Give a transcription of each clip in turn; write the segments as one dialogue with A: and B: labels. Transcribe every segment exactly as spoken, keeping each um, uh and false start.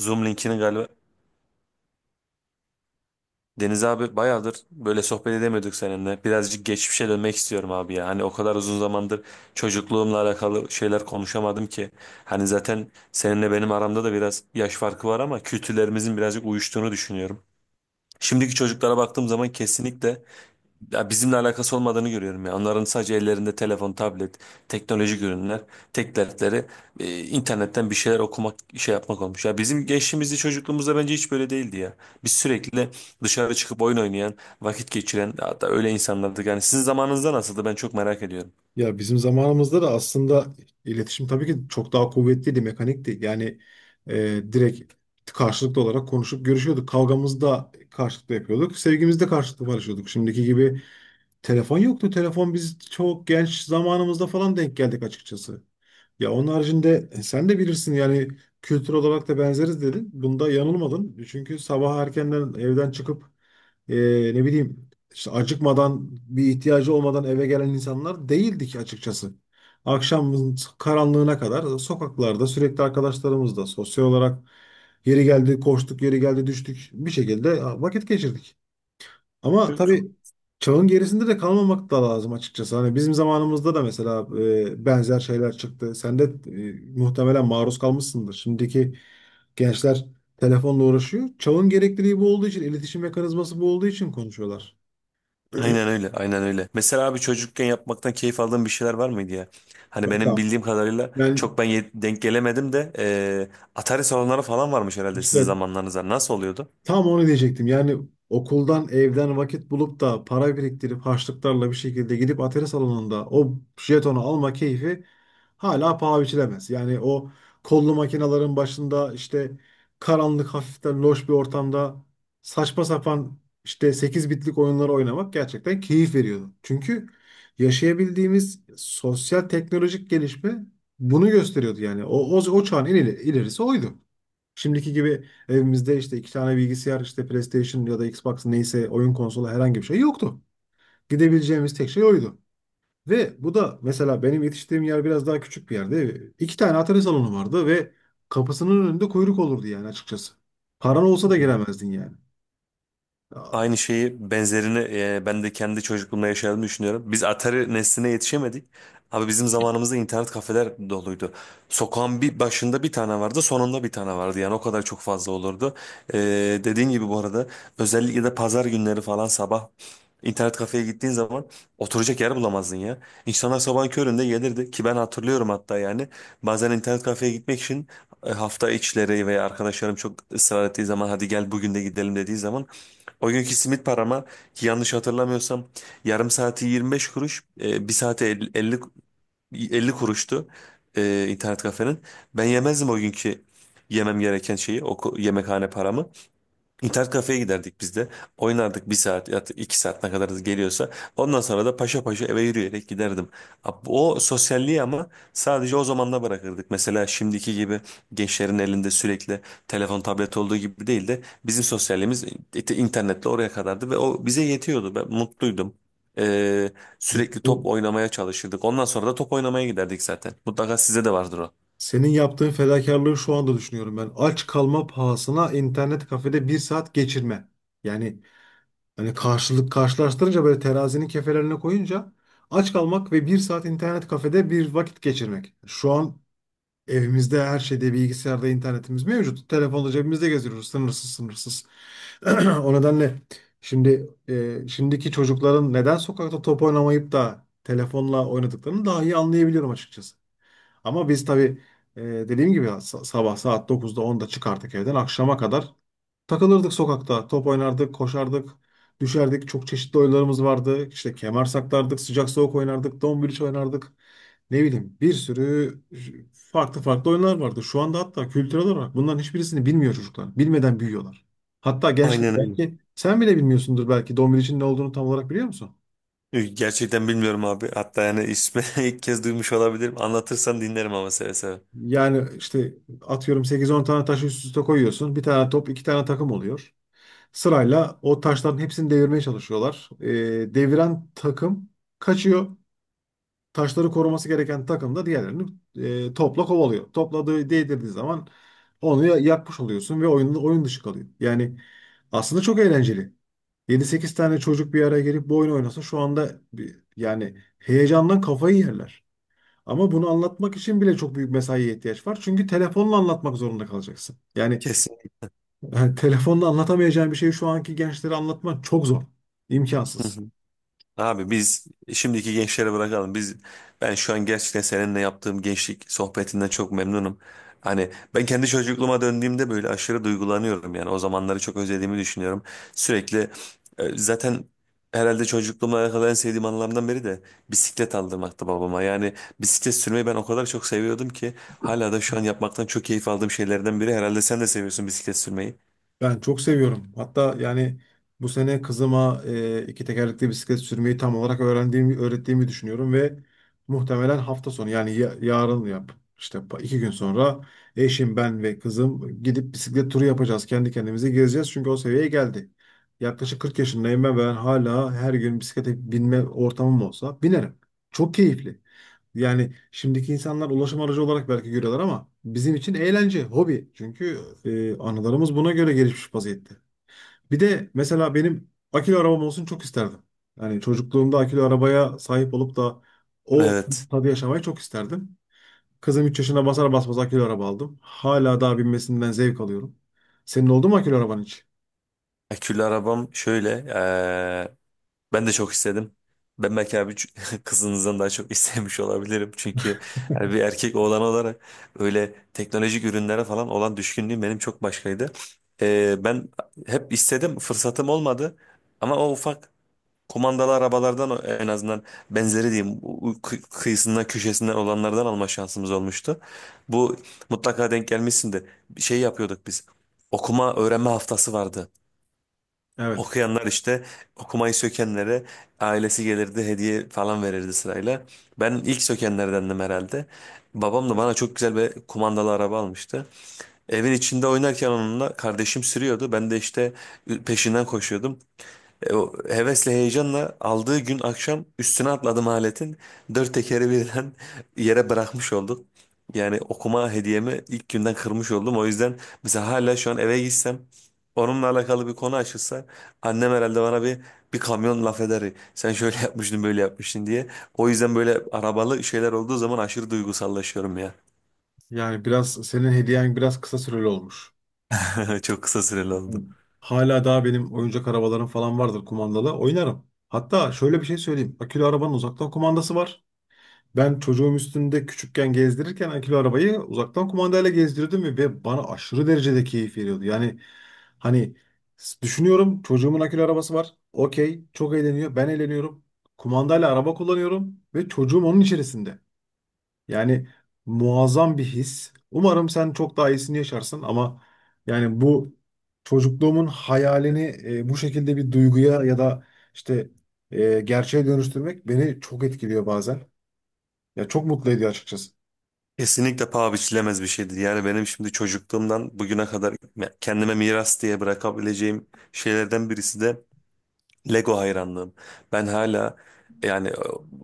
A: Zoom linkini galiba. Deniz abi bayağıdır böyle sohbet edemiyorduk seninle. Birazcık geçmişe dönmek istiyorum abi ya. Hani o kadar uzun zamandır çocukluğumla alakalı şeyler konuşamadım ki. Hani zaten seninle benim aramda da biraz yaş farkı var ama kültürlerimizin birazcık uyuştuğunu düşünüyorum. Şimdiki çocuklara baktığım zaman kesinlikle ya bizimle alakası olmadığını görüyorum ya. Onların sadece ellerinde telefon, tablet, teknolojik ürünler, tek dertleri e, internetten bir şeyler okumak, şey yapmak olmuş. Ya bizim gençliğimizde, çocukluğumuzda bence hiç böyle değildi ya. Biz sürekli dışarı çıkıp oyun oynayan, vakit geçiren, hatta öyle insanlardık. Yani sizin zamanınızda nasıldı? Ben çok merak ediyorum.
B: Ya bizim zamanımızda da aslında iletişim tabii ki çok daha kuvvetliydi, mekanikti. Yani e, direkt karşılıklı olarak konuşup görüşüyorduk. Kavgamızı da karşılıklı yapıyorduk. Sevgimizi de karşılıklı paylaşıyorduk. Şimdiki gibi telefon yoktu. Telefon biz çok genç zamanımızda falan denk geldik açıkçası. Ya onun haricinde e, sen de bilirsin yani kültür olarak da benzeriz dedin. Bunda yanılmadın. Çünkü sabah erkenden evden çıkıp e, ne bileyim işte acıkmadan bir ihtiyacı olmadan eve gelen insanlar değildik açıkçası. Akşamın karanlığına kadar sokaklarda sürekli arkadaşlarımızla sosyal olarak yeri geldi koştuk, yeri geldi düştük bir şekilde vakit geçirdik. Ama
A: Yok.
B: tabii çağın gerisinde de kalmamak da lazım açıkçası. Hani bizim zamanımızda da mesela e, benzer şeyler çıktı. Sen de e, muhtemelen maruz kalmışsındır. Şimdiki gençler telefonla uğraşıyor. Çağın gerekliliği bu olduğu için, iletişim mekanizması bu olduğu için konuşuyorlar.
A: Aynen öyle, aynen öyle. Mesela abi çocukken yapmaktan keyif aldığın bir şeyler var mıydı ya? Hani
B: Valla,
A: benim bildiğim kadarıyla
B: ben
A: çok ben ye- denk gelemedim de e, Atari salonları falan varmış herhalde sizin
B: işte
A: zamanlarınızda. Nasıl oluyordu?
B: tam onu diyecektim. Yani okuldan, evden vakit bulup da para biriktirip harçlıklarla bir şekilde gidip atari salonunda o jetonu alma keyfi hala paha biçilemez. Yani o kollu makinelerin başında işte karanlık hafiften loş bir ortamda saçma sapan işte sekiz bitlik oyunları oynamak gerçekten keyif veriyordu. Çünkü yaşayabildiğimiz sosyal teknolojik gelişme bunu gösteriyordu yani. O, o, o çağın en ileri- ilerisi oydu. Şimdiki gibi evimizde işte iki tane bilgisayar, işte PlayStation ya da Xbox neyse oyun konsolu herhangi bir şey yoktu. Gidebileceğimiz tek şey oydu. Ve bu da mesela benim yetiştiğim yer biraz daha küçük bir yerde. İki tane atari salonu vardı ve kapısının önünde kuyruk olurdu yani açıkçası. Paran olsa da
A: Hı.
B: giremezdin yani. Aa,
A: Aynı şeyi benzerini e, ben de kendi çocukluğumda yaşadığımı düşünüyorum. Biz Atari nesline yetişemedik. Abi bizim zamanımızda internet kafeler doluydu. Sokağın bir başında bir tane vardı, sonunda bir tane vardı. Yani o kadar çok fazla olurdu. E, Dediğin gibi bu arada özellikle de pazar günleri falan sabah internet kafeye gittiğin zaman oturacak yer bulamazdın ya. İnsanlar sabahın köründe gelirdi ki ben hatırlıyorum hatta yani. Bazen internet kafeye gitmek için e, hafta içleri veya arkadaşlarım çok ısrar ettiği zaman hadi gel bugün de gidelim dediği zaman o günkü simit parama yanlış hatırlamıyorsam yarım saati yirmi beş kuruş, e, bir saati elli, elli 50 kuruştu e, internet kafenin. Ben yemezdim o günkü yemem gereken şeyi, o ko- yemekhane paramı. İnternet kafeye giderdik biz de. Oynardık bir saat ya da iki saat ne kadar geliyorsa. Ondan sonra da paşa paşa eve yürüyerek giderdim. Ab- O sosyalliği ama sadece o zamanla bırakırdık. Mesela şimdiki gibi gençlerin elinde sürekli telefon tablet olduğu gibi değil de bizim sosyalliğimiz it- internetle oraya kadardı ve o bize yetiyordu. Ben mutluydum. Ee, Sürekli top
B: bu-
A: oynamaya çalışırdık. Ondan sonra da top oynamaya giderdik zaten. Mutlaka size de vardır o.
B: Senin yaptığın fedakarlığı şu anda düşünüyorum ben. Aç kalma pahasına internet kafede bir saat geçirme. Yani hani karşılık karşılaştırınca böyle terazinin kefelerine koyunca aç kalmak ve bir saat internet kafede bir vakit geçirmek. Şu an evimizde her şeyde bilgisayarda internetimiz mevcut. Telefonla cebimizde geziyoruz sınırsız sınırsız. O nedenle şimdi e, şimdiki çocukların neden sokakta top oynamayıp da telefonla oynadıklarını daha iyi anlayabiliyorum açıkçası. Ama biz tabii e, dediğim gibi sa- sabah saat dokuzda onda çıkarttık evden akşama kadar takılırdık sokakta, top oynardık, koşardık, düşerdik. Çok çeşitli oyunlarımız vardı. İşte kemer saklardık, sıcak soğuk oynardık, dombiliç oynardık. Ne bileyim bir sürü farklı farklı oyunlar vardı. Şu anda hatta kültürel olarak bunların hiçbirisini bilmiyor çocuklar. Bilmeden büyüyorlar. Hatta gençlik
A: Aynen öyle.
B: belki sen bile bilmiyorsundur, belki dombiliçin ne olduğunu tam olarak biliyor musun?
A: Gerçekten bilmiyorum abi. Hatta yani ismi ilk kez duymuş olabilirim. Anlatırsan dinlerim ama seve seve.
B: Yani işte atıyorum sekiz on tane taşı üst üste koyuyorsun. Bir tane top, iki tane takım oluyor. Sırayla o taşların hepsini devirmeye çalışıyorlar. Ee, deviren takım kaçıyor. Taşları koruması gereken takım da diğerlerini e, topla kovalıyor. Topladığı değdirdiği zaman onu ya- yakmış oluyorsun ve oyun, oyun dışı kalıyor. Yani aslında çok eğlenceli. Yedi sekiz tane çocuk bir araya gelip bu oyunu oynasa şu anda bir, yani heyecandan kafayı yerler. Ama bunu anlatmak için bile çok büyük mesaiye ihtiyaç var. Çünkü telefonla anlatmak zorunda kalacaksın. Yani
A: Kesin.
B: yani telefonda anlatamayacağım bir şeyi şu anki gençlere anlatmak çok zor. İmkansız.
A: Abi biz şimdiki gençlere bırakalım. Biz ben şu an gerçekten seninle yaptığım gençlik sohbetinden çok memnunum. Hani ben kendi çocukluğuma döndüğümde böyle aşırı duygulanıyorum yani. O zamanları çok özlediğimi düşünüyorum. Sürekli e, zaten herhalde çocukluğuma alakalı en sevdiğim anılarımdan biri de bisiklet aldırmaktı babama. Yani bisiklet sürmeyi ben o kadar çok seviyordum ki hala da şu an yapmaktan çok keyif aldığım şeylerden biri. Herhalde sen de seviyorsun bisiklet sürmeyi.
B: Ben çok seviyorum. Hatta yani bu sene kızıma e, iki tekerlekli bisiklet sürmeyi tam olarak öğrendiğimi, öğrettiğimi düşünüyorum ve muhtemelen hafta sonu yani ya- yarın yap. İşte pa- iki gün sonra eşim, ben ve kızım gidip bisiklet turu yapacağız. Kendi kendimize gezeceğiz çünkü o seviyeye geldi. Yaklaşık kırk yaşındayım ben, ben hala her gün bisiklete binme ortamım olsa binerim. Çok keyifli. Yani şimdiki insanlar ulaşım aracı olarak belki görüyorlar ama bizim için eğlence, hobi. Çünkü e, anılarımız buna göre gelişmiş vaziyette. Bir de mesela benim akülü arabam olsun çok isterdim. Yani çocukluğumda akülü arabaya sahip olup da o
A: Evet.
B: tadı yaşamayı çok isterdim. Kızım üç yaşına basar basmaz akülü araba aldım. Hala daha binmesinden zevk alıyorum. Senin oldu mu akülü araban hiç?
A: Akülü arabam şöyle. Ben de çok istedim. Ben belki abi ç- kızınızdan daha çok istemiş olabilirim. Çünkü yani bir erkek oğlan olarak öyle teknolojik ürünlere falan olan düşkünlüğüm benim çok başkaydı. Ee, ben hep istedim, fırsatım olmadı. Ama o ufak kumandalı arabalardan o- en azından benzeri diyeyim u- u- kı- kıyısından köşesinden olanlardan alma şansımız olmuştu. Bu mutlaka denk gelmişsindir. Bir şey yapıyorduk biz. Okuma öğrenme haftası vardı.
B: Evet.
A: Okuyanlar işte okumayı sökenlere ailesi gelirdi hediye falan verirdi sırayla. Ben ilk sökenlerdendim herhalde. Babam da bana çok güzel bir kumandalı araba almıştı. Evin içinde oynarken onunla kardeşim sürüyordu. Ben de işte peşinden koşuyordum. E, o hevesle heyecanla aldığı gün akşam üstüne atladım aletin. Dört tekeri birden yere bırakmış olduk. Yani okuma hediyemi ilk günden kırmış oldum. O yüzden mesela hala şu an eve gitsem onunla alakalı bir konu açılsa annem herhalde bana bir bir kamyon laf eder. Sen şöyle yapmıştın böyle yapmıştın diye. O yüzden böyle arabalı şeyler olduğu zaman aşırı duygusallaşıyorum ya.
B: Yani biraz senin hediyen biraz kısa süreli olmuş.
A: Çok kısa süreli oldu.
B: Hala daha benim oyuncak arabalarım falan vardır kumandalı. Oynarım. Hatta şöyle bir şey söyleyeyim. Akülü arabanın uzaktan kumandası var. Ben çocuğum üstünde küçükken gezdirirken akülü arabayı uzaktan kumandayla gezdirdim ve ve bana aşırı derecede keyif veriyordu. Yani hani s- düşünüyorum çocuğumun akülü arabası var. Okey, çok eğleniyor. Ben eğleniyorum. Kumandayla araba kullanıyorum ve çocuğum onun içerisinde. Yani muazzam bir his. Umarım sen çok daha iyisini yaşarsın ama yani bu çocukluğumun hayalini e, bu şekilde bir duyguya ya da işte e, gerçeğe dönüştürmek beni çok etkiliyor bazen. Ya çok mutlu ediyor açıkçası.
A: Kesinlikle paha biçilemez bir şeydir. Yani benim şimdi çocukluğumdan bugüne kadar kendime miras diye bırakabileceğim şeylerden birisi de Lego hayranlığım. Ben hala yani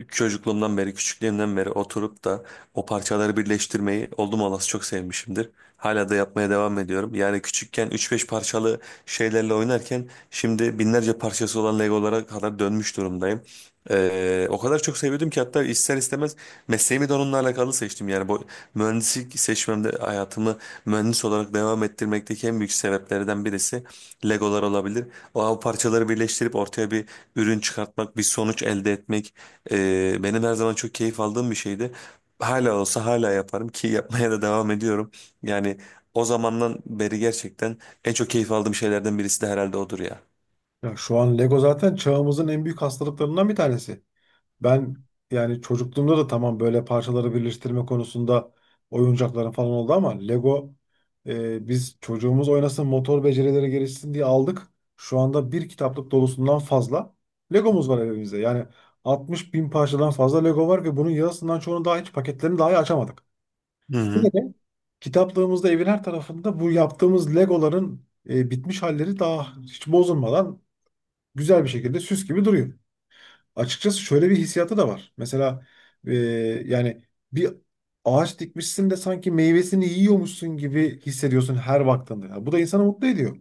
A: e, çocukluğumdan beri, küçüklüğümden beri oturup da o parçaları birleştirmeyi oldum olası çok sevmişimdir. Hala da yapmaya devam ediyorum. Yani küçükken üç beş parçalı şeylerle oynarken şimdi binlerce parçası olan Legolara kadar dönmüş durumdayım. E, o kadar çok seviyordum ki hatta ister istemez mesleğimi de onunla alakalı seçtim. Yani bu mühendislik seçmemde hayatımı mühendis olarak devam ettirmekteki en büyük sebeplerden birisi Legolar olabilir. O av parçaları birleştirip ortaya bir ürün çıkartmak, bir sonuç elde etmek e, benim her zaman çok keyif aldığım bir şeydi. Hala olsa hala yaparım ki yapmaya da devam ediyorum. Yani o zamandan beri gerçekten en çok keyif aldığım şeylerden birisi de herhalde odur ya.
B: Ya şu an Lego zaten çağımızın en büyük hastalıklarından bir tanesi. Ben yani çocukluğumda da tamam böyle parçaları birleştirme konusunda oyuncakların falan oldu ama Lego e, biz çocuğumuz oynasın motor becerileri gelişsin diye aldık. Şu anda bir kitaplık dolusundan fazla Legomuz var evimizde. Yani altmış bin parçadan fazla Lego var ve bunun yarısından çoğunu daha hiç paketlerini dahi açamadık.
A: Hı hı,
B: Yine de kitaplığımızda evin her tarafında bu yaptığımız Legoların e, bitmiş halleri daha hiç bozulmadan güzel bir şekilde süs gibi duruyor açıkçası. Şöyle bir hissiyatı da var. Mesela e, yani bir ağaç dikmişsin de sanki meyvesini yiyormuşsun gibi hissediyorsun her baktığında. Ya bu da insanı mutlu ediyor.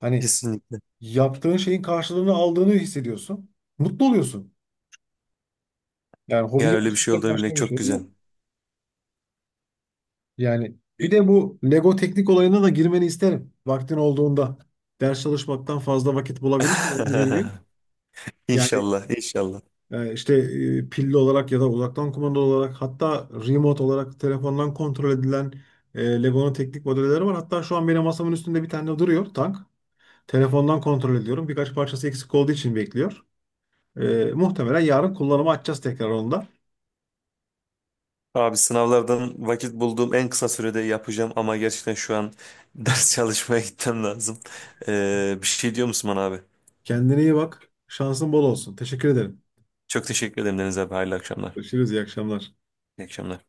B: Hani
A: kesinlikle.
B: yaptığın şeyin karşılığını aldığını hissediyorsun. Mutlu oluyorsun. Yani hobi
A: Ya öyle bir şey
B: yapıştıracak
A: olduğunu bilmek
B: başka bir
A: çok
B: şey de
A: güzel.
B: yok. Yani bir de bu Lego teknik olayına da girmeni isterim. Vaktin olduğunda ders çalışmaktan fazla vakit bulabilirsin yani bir gün. Yani
A: İnşallah, inşallah.
B: Yani işte e, pilli olarak ya da uzaktan kumanda olarak hatta remote olarak telefondan kontrol edilen e, Lego'nun teknik modelleri var. Hatta şu an benim masamın üstünde bir tane duruyor tank. Telefondan kontrol ediyorum. Birkaç parçası eksik olduğu için bekliyor. E, muhtemelen yarın kullanıma açacağız tekrar onu da.
A: Abi sınavlardan vakit bulduğum en kısa sürede yapacağım ama gerçekten şu an ders çalışmaya gitmem lazım. Ee, bir şey diyor musun bana abi?
B: Kendine iyi bak. Şansın bol olsun. Teşekkür ederim.
A: Çok teşekkür ederim Deniz abi. Hayırlı akşamlar.
B: Görüşürüz. İyi akşamlar.
A: İyi akşamlar.